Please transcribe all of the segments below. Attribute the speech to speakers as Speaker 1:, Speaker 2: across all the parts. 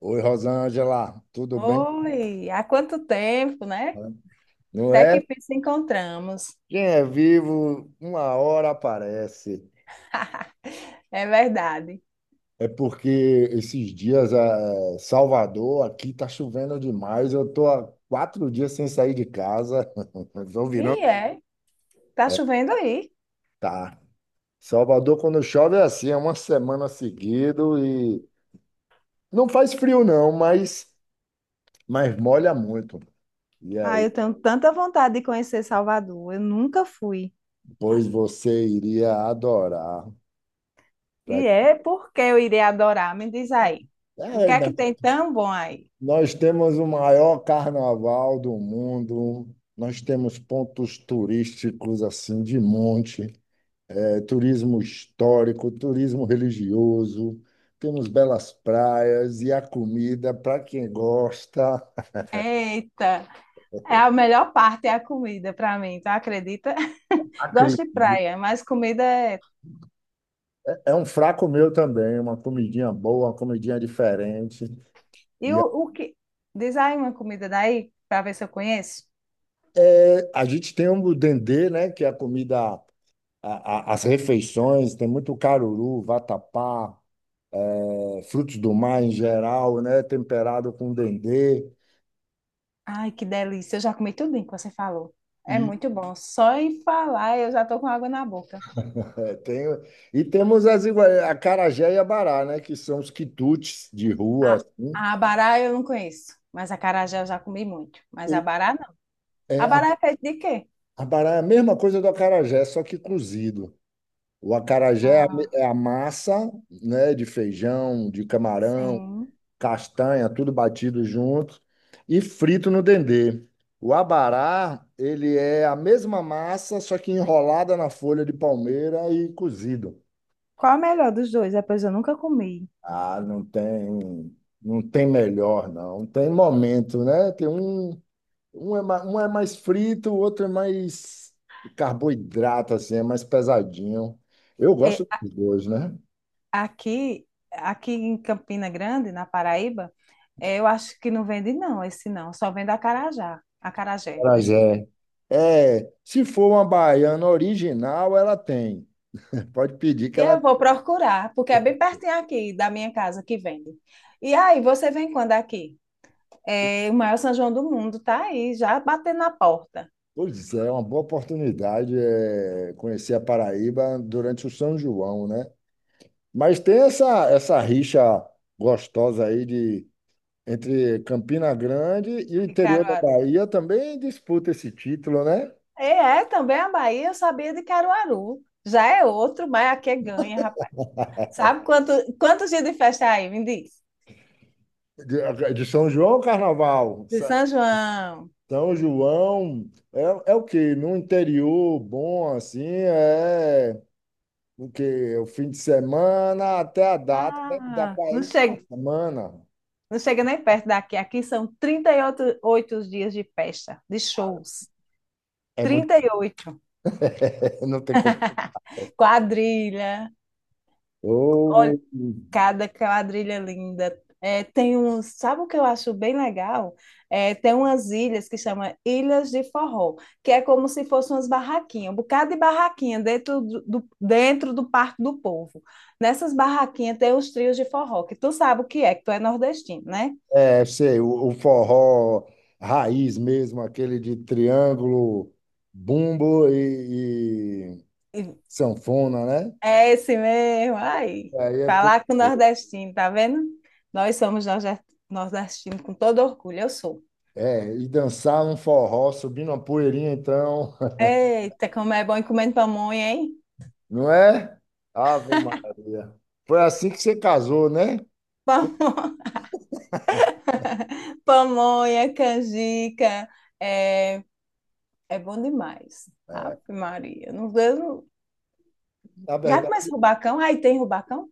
Speaker 1: Oi, Rosângela, tudo bem?
Speaker 2: Oi, há quanto tempo, né?
Speaker 1: Não
Speaker 2: Até que
Speaker 1: é?
Speaker 2: fim se encontramos.
Speaker 1: Quem é vivo, uma hora aparece.
Speaker 2: É verdade.
Speaker 1: É porque esses dias, Salvador, aqui tá chovendo demais. Eu tô há 4 dias sem sair de casa. Estou virando.
Speaker 2: E é, tá chovendo aí.
Speaker 1: Tá. Salvador, quando chove, é assim, é uma semana seguido e não faz frio, não, mas molha muito. E
Speaker 2: Ah,
Speaker 1: aí,
Speaker 2: eu tenho tanta vontade de conhecer Salvador, eu nunca fui.
Speaker 1: pois você iria adorar. Pra-
Speaker 2: E é porque eu irei adorar, me diz aí. O
Speaker 1: É,
Speaker 2: que é
Speaker 1: né?
Speaker 2: que tem tão bom aí?
Speaker 1: Nós temos o maior carnaval do mundo, nós temos pontos turísticos assim de monte, turismo histórico, turismo religioso, temos belas praias e a comida, para quem gosta,
Speaker 2: Eita, é a melhor parte é a comida para mim, tu acredita? Gosto
Speaker 1: acredita.
Speaker 2: de praia, mas comida é.
Speaker 1: É um fraco meu também, uma comidinha boa, uma comidinha diferente.
Speaker 2: E
Speaker 1: E
Speaker 2: o, o que. Diz aí uma comida daí, para ver se eu conheço.
Speaker 1: é, a gente tem o dendê, né, que é a comida, as refeições, tem muito caruru, vatapá, frutos do mar em geral, né? Temperado com dendê.
Speaker 2: Ai, que delícia. Eu já comi tudinho que você falou. É
Speaker 1: E,
Speaker 2: muito bom. Só em falar eu já tô com água na boca.
Speaker 1: tem, e temos as acarajé e abará, né? Que são os quitutes de rua,
Speaker 2: A,
Speaker 1: assim.
Speaker 2: a abará eu não conheço, mas a acarajé eu já comi muito. Mas
Speaker 1: E,
Speaker 2: abará não.
Speaker 1: é, a-
Speaker 2: Abará é feito de quê?
Speaker 1: Abará é a mesma coisa do acarajé, só que cozido. O acarajé
Speaker 2: Ah,
Speaker 1: é a massa, né? De feijão, de camarão,
Speaker 2: sim.
Speaker 1: castanha, tudo batido junto e frito no dendê. O abará, ele é a mesma massa, só que enrolada na folha de palmeira e cozido.
Speaker 2: Qual é o melhor dos dois? É, pois eu nunca comi.
Speaker 1: Ah, não tem melhor, não. Tem momento, né? Um é mais frito, o outro é mais carboidrato, assim, é mais pesadinho. Eu
Speaker 2: É,
Speaker 1: gosto
Speaker 2: a-
Speaker 1: dos dois, né?
Speaker 2: aqui em Campina Grande, na Paraíba, eu acho que não vende não, esse não. Só vende acarajá. Acarajé, desculpa.
Speaker 1: Acarajé. É, se for uma baiana original, ela tem. Pode pedir que
Speaker 2: Eu
Speaker 1: ela.
Speaker 2: vou procurar, porque é bem pertinho aqui da minha casa que vende. E aí, você vem quando aqui? É, o maior São João do mundo tá aí, já batendo na porta
Speaker 1: Pois é, é uma boa oportunidade, conhecer a Paraíba durante o São João, né? Mas tem essa rixa gostosa aí de entre Campina Grande e o
Speaker 2: de
Speaker 1: interior da
Speaker 2: Caruaru.
Speaker 1: Bahia também disputa esse título, né?
Speaker 2: E é, também a Bahia, eu sabia de Caruaru. Já é outro, mas aqui é ganha, rapaz. Sabe quantos dias de festa é aí? Me diz.
Speaker 1: De São João ao Carnaval.
Speaker 2: De São João.
Speaker 1: São João é o quê? No interior bom, assim, é o quê? É o fim de semana até a data, deve dar
Speaker 2: Ah,
Speaker 1: para
Speaker 2: não
Speaker 1: uma
Speaker 2: chega,
Speaker 1: semana.
Speaker 2: não chega nem perto daqui. Aqui são 38 dias de festa, de shows.
Speaker 1: É muito.
Speaker 2: 38.
Speaker 1: Não tem como.
Speaker 2: Quadrilha,
Speaker 1: Ou,
Speaker 2: cada quadrilha linda. É, tem uns, sabe o que eu acho bem legal? É, tem umas ilhas que chama Ilhas de Forró, que é como se fossem umas barraquinhas, um bocado de barraquinha dentro do Parque do Povo. Nessas barraquinhas tem os trios de forró, que tu sabe o que é, que tu é nordestino, né?
Speaker 1: é, sei, o forró raiz mesmo, aquele de triângulo, bumbo e,
Speaker 2: E-
Speaker 1: sanfona, né?
Speaker 2: É esse mesmo, aí.
Speaker 1: Aí é, pe-
Speaker 2: Falar com nordestino, tá vendo? Nós somos nordestinos com todo orgulho, eu sou.
Speaker 1: é, e dançar um forró, subir uma poeirinha, então,
Speaker 2: Eita, como é bom ir comendo pamonha, hein?
Speaker 1: não é? Ave Maria. Foi assim que você casou, né?
Speaker 2: Pamonha, canjica, é, é bom demais. Ave Maria. Não, eu não.
Speaker 1: Na
Speaker 2: Já começa
Speaker 1: verdade,
Speaker 2: rubacão? Aí tem rubacão?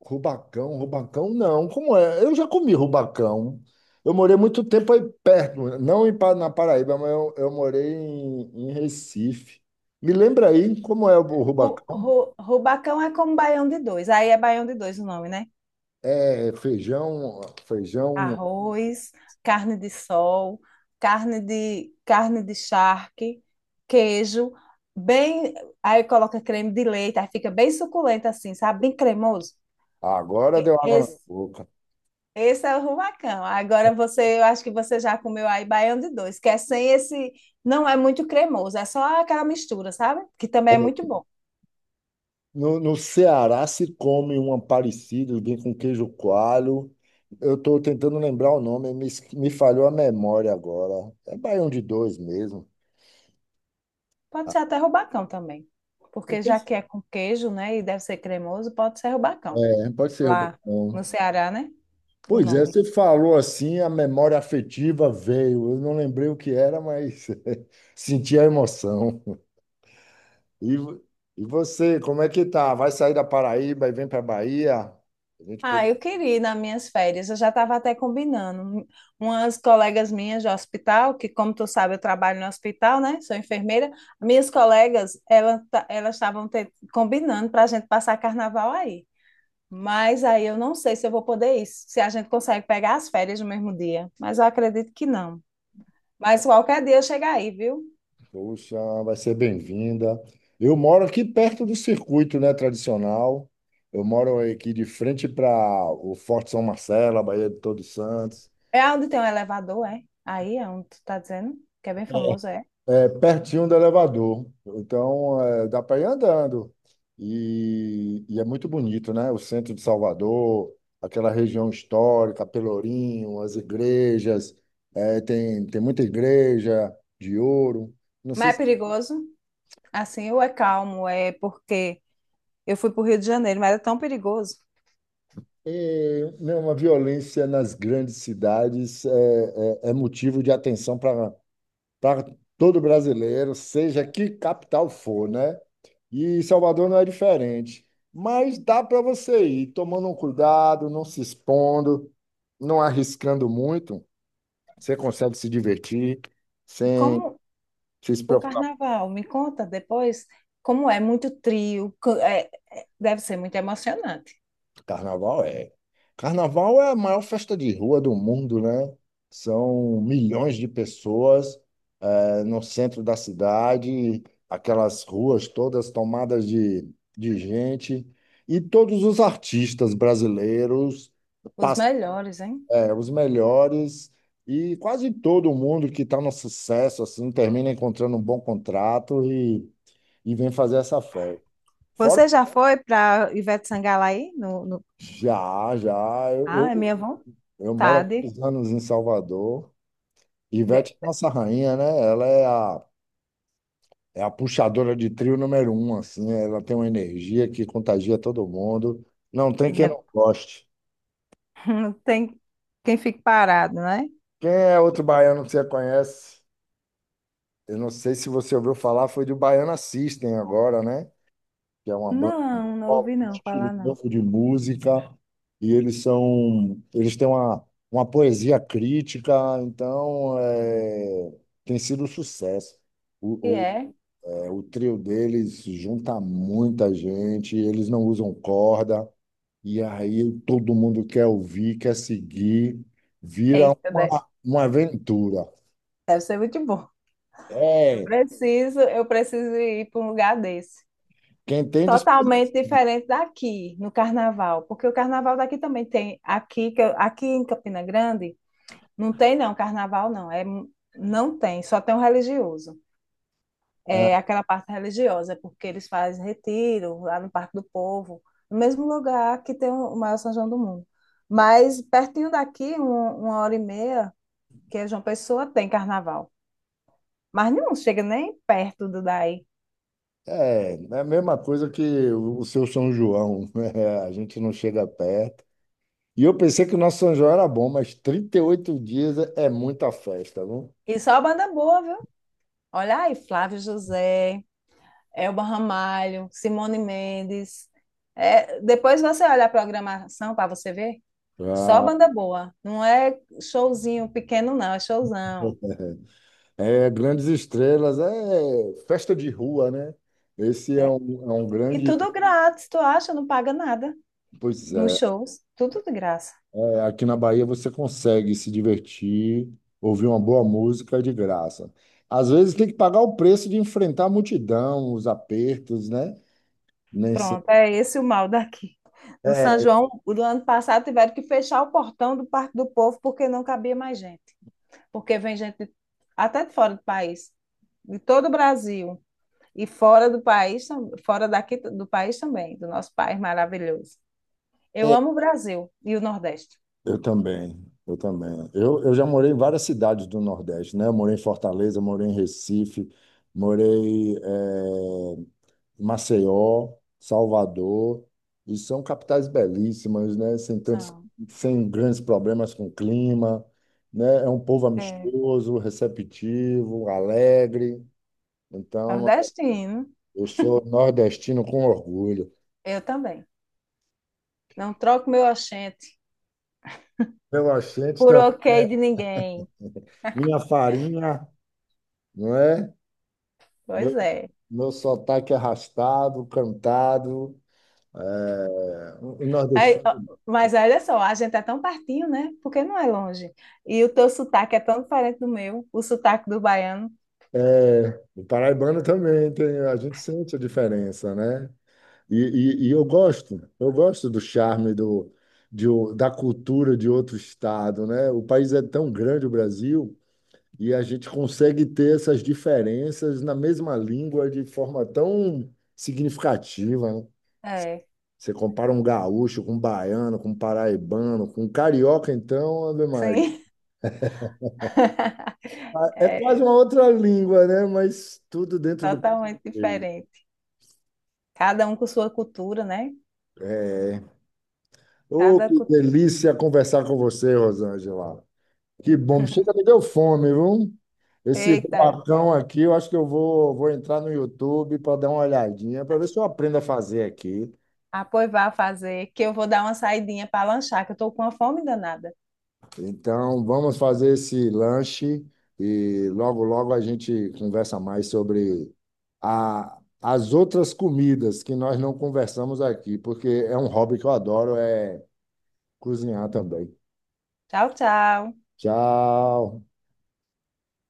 Speaker 1: rubacão, rubacão não. Como é? Eu já comi rubacão. Eu morei muito tempo aí perto, não em na Paraíba, mas eu morei em Recife. Me lembra aí como é o
Speaker 2: Ru,
Speaker 1: rubacão?
Speaker 2: ru- rubacão é como baião de dois. Aí é baião de dois o nome, né?
Speaker 1: É feijão, feijão.
Speaker 2: Arroz, carne de sol, carne de charque, queijo, bem. Aí coloca creme de leite, aí fica bem suculento assim, sabe? Bem cremoso.
Speaker 1: Agora deu água na boca.
Speaker 2: Esse é o rubacão. Agora você, eu acho que você já comeu aí baião de dois, que é sem esse, não é muito cremoso, é só aquela mistura, sabe? Que também
Speaker 1: É,
Speaker 2: é muito bom.
Speaker 1: no Ceará se come um parecido, bem com queijo coalho. Eu estou tentando lembrar o nome, me falhou a memória agora. É baião de dois mesmo.
Speaker 2: Pode
Speaker 1: Ah,
Speaker 2: ser até rubacão também, porque
Speaker 1: então,
Speaker 2: já que é com queijo, né, e deve ser cremoso, pode ser rubacão.
Speaker 1: pode ser
Speaker 2: Lá
Speaker 1: rubacão.
Speaker 2: no Ceará, né? O
Speaker 1: Pois é,
Speaker 2: nome.
Speaker 1: você falou assim, a memória afetiva veio. Eu não lembrei o que era, mas senti a emoção. E, vo- e você, como é que tá? Vai sair da Paraíba e vem para Bahia? A gente pode.
Speaker 2: Ah, eu queria ir nas minhas férias. Eu já estava até combinando. Umas colegas minhas de hospital, que como tu sabe, eu trabalho no hospital, né? Sou enfermeira. Minhas colegas, elas estavam combinando para a gente passar carnaval aí. Mas aí eu não sei se eu vou poder ir, se a gente consegue pegar as férias no mesmo dia. Mas eu acredito que não. Mas qualquer dia eu chego aí, viu?
Speaker 1: Poxa, vai ser bem-vinda. Eu moro aqui perto do circuito, né, tradicional. Eu moro aqui de frente para o Forte São Marcelo, a Baía de Todos Santos,
Speaker 2: É onde tem um elevador, é? Aí é onde tu tá dizendo, que é bem famoso, é.
Speaker 1: é pertinho do elevador. Então, dá para ir andando. E é muito bonito, né? O centro de Salvador, aquela região histórica, Pelourinho, as igrejas. Tem muita igreja de ouro. Não
Speaker 2: Mas
Speaker 1: sei
Speaker 2: é
Speaker 1: se.
Speaker 2: perigoso. Assim, ou é calmo, é porque eu fui para o Rio de Janeiro, mas era tão perigoso.
Speaker 1: É, não, a violência nas grandes cidades é motivo de atenção para todo brasileiro, seja que capital for, né? E Salvador não é diferente. Mas dá para você ir tomando um cuidado, não se expondo, não arriscando muito. Você consegue se divertir
Speaker 2: Como
Speaker 1: sem se
Speaker 2: o
Speaker 1: preocupar.
Speaker 2: carnaval? Me conta depois como é muito trio, deve ser muito emocionante.
Speaker 1: Carnaval é. Carnaval é a maior festa de rua do mundo, né? São milhões de pessoas, no centro da cidade, aquelas ruas todas tomadas de gente, e todos os artistas brasileiros
Speaker 2: Os
Speaker 1: passam,
Speaker 2: melhores, hein?
Speaker 1: os melhores, e quase todo mundo que está no sucesso assim termina encontrando um bom contrato e vem fazer essa festa. Fora.
Speaker 2: Você já foi para Ivete Sangalo aí?
Speaker 1: Já, já, eu,
Speaker 2: Ah, é minha
Speaker 1: eu, eu moro há
Speaker 2: vontade.
Speaker 1: muitos anos em Salvador. Ivete
Speaker 2: De-
Speaker 1: é nossa rainha, né? Ela é a É a puxadora de trio número um, assim, ela tem uma energia que contagia todo mundo. Não tem quem
Speaker 2: de-
Speaker 1: não goste.
Speaker 2: Não tem quem fique parado, né?
Speaker 1: Quem é outro baiano que você conhece? Eu não sei se você ouviu falar, foi do Baiana System agora, né? Que é uma banda
Speaker 2: Não, não
Speaker 1: pop,
Speaker 2: ouvi
Speaker 1: um
Speaker 2: não
Speaker 1: estilo
Speaker 2: falar não.
Speaker 1: novo de música, e eles têm uma poesia crítica, então, tem sido um sucesso.
Speaker 2: E
Speaker 1: O, o,
Speaker 2: é?
Speaker 1: o trio deles junta muita gente, eles não usam corda. E aí todo mundo quer ouvir, quer seguir, vira
Speaker 2: Eita,
Speaker 1: uma aventura.
Speaker 2: deve ser muito bom. Eu
Speaker 1: É,
Speaker 2: preciso, eu preciso ir para um lugar desse.
Speaker 1: quem tem de experimentar.
Speaker 2: Totalmente diferente daqui, no carnaval, porque o carnaval daqui também tem, aqui, aqui em Campina Grande, não tem não, carnaval não, não tem, só tem o religioso, é aquela parte religiosa, porque eles fazem retiro lá no Parque do Povo, no mesmo lugar que tem o maior São João do mundo, mas pertinho daqui, uma hora e meia, que é João Pessoa, tem carnaval, mas não chega nem perto do daí,
Speaker 1: É a mesma coisa que o seu São João, a gente não chega perto. E eu pensei que o nosso São João era bom, mas 38 dias é muita festa, não?
Speaker 2: e só banda boa, viu? Olha aí, Flávio José, Elba Ramalho, Simone Mendes. É, depois você olha a programação para você ver, só
Speaker 1: Ah,
Speaker 2: banda boa. Não é showzinho pequeno, não, é showzão.
Speaker 1: grandes estrelas, é festa de rua, né? Esse é
Speaker 2: É,
Speaker 1: um
Speaker 2: e
Speaker 1: grande.
Speaker 2: tudo grátis, tu acha? Não paga nada
Speaker 1: Pois
Speaker 2: nos
Speaker 1: é.
Speaker 2: shows, tudo de graça.
Speaker 1: É, aqui na Bahia você consegue se divertir, ouvir uma boa música de graça. Às vezes tem que pagar o preço de enfrentar a multidão, os apertos, né? Nem sempre.
Speaker 2: Pronto, é esse o mal daqui. No São
Speaker 1: É,
Speaker 2: João, o do ano passado, tiveram que fechar o portão do Parque do Povo porque não cabia mais gente. Porque vem gente até de fora do país, de todo o Brasil. E fora do país, fora daqui do país também, do nosso país maravilhoso. Eu
Speaker 1: é,
Speaker 2: amo o Brasil e o Nordeste.
Speaker 1: eu também, eu também. Eu já morei em várias cidades do Nordeste, né? Eu morei em Fortaleza, morei em Recife, morei Maceió, Salvador, e são capitais belíssimas, né?
Speaker 2: São.
Speaker 1: Sem grandes problemas com o clima, né? É um povo
Speaker 2: É,
Speaker 1: amistoso, receptivo, alegre. Então,
Speaker 2: nordestino,
Speaker 1: eu sou nordestino com orgulho.
Speaker 2: eu também. Não troco meu oxente
Speaker 1: Meu acento,
Speaker 2: por
Speaker 1: está
Speaker 2: ok de ninguém.
Speaker 1: minha farinha, não é? Meu,
Speaker 2: Pois é.
Speaker 1: meu sotaque é arrastado, cantado. É, o
Speaker 2: Aí,
Speaker 1: nordestino.
Speaker 2: ó, mas olha só, a gente é tão pertinho, né? Porque não é longe. E o teu sotaque é tão diferente do meu, o sotaque do baiano.
Speaker 1: É, o paraibano também tem, a gente sente a diferença, né? E, e eu gosto do charme da cultura de outro estado, né? O país é tão grande, o Brasil, e a gente consegue ter essas diferenças na mesma língua de forma tão significativa, né?
Speaker 2: É,
Speaker 1: Você compara um gaúcho com um baiano, com um paraibano, com um carioca, então, Ave Maria.
Speaker 2: sim.
Speaker 1: Ah, é quase
Speaker 2: É
Speaker 1: uma outra língua, né? Mas tudo dentro do
Speaker 2: totalmente
Speaker 1: português.
Speaker 2: diferente. Cada um com sua cultura, né?
Speaker 1: É. Oh,
Speaker 2: Cada
Speaker 1: que
Speaker 2: cultura.
Speaker 1: delícia conversar com você, Rosângela. Que bom, chega, me deu fome, viu? Esse
Speaker 2: Eita,
Speaker 1: rubacão aqui, eu acho que eu vou entrar no YouTube para dar uma olhadinha, para ver se eu aprendo a fazer aqui.
Speaker 2: ah, pois vá fazer, que eu vou dar uma saidinha para lanchar, que eu estou com uma fome danada.
Speaker 1: Então, vamos fazer esse lanche e logo, logo a gente conversa mais sobre as outras comidas que nós não conversamos aqui, porque é um hobby que eu adoro, é cozinhar também.
Speaker 2: Tchau, tchau.
Speaker 1: Tchau!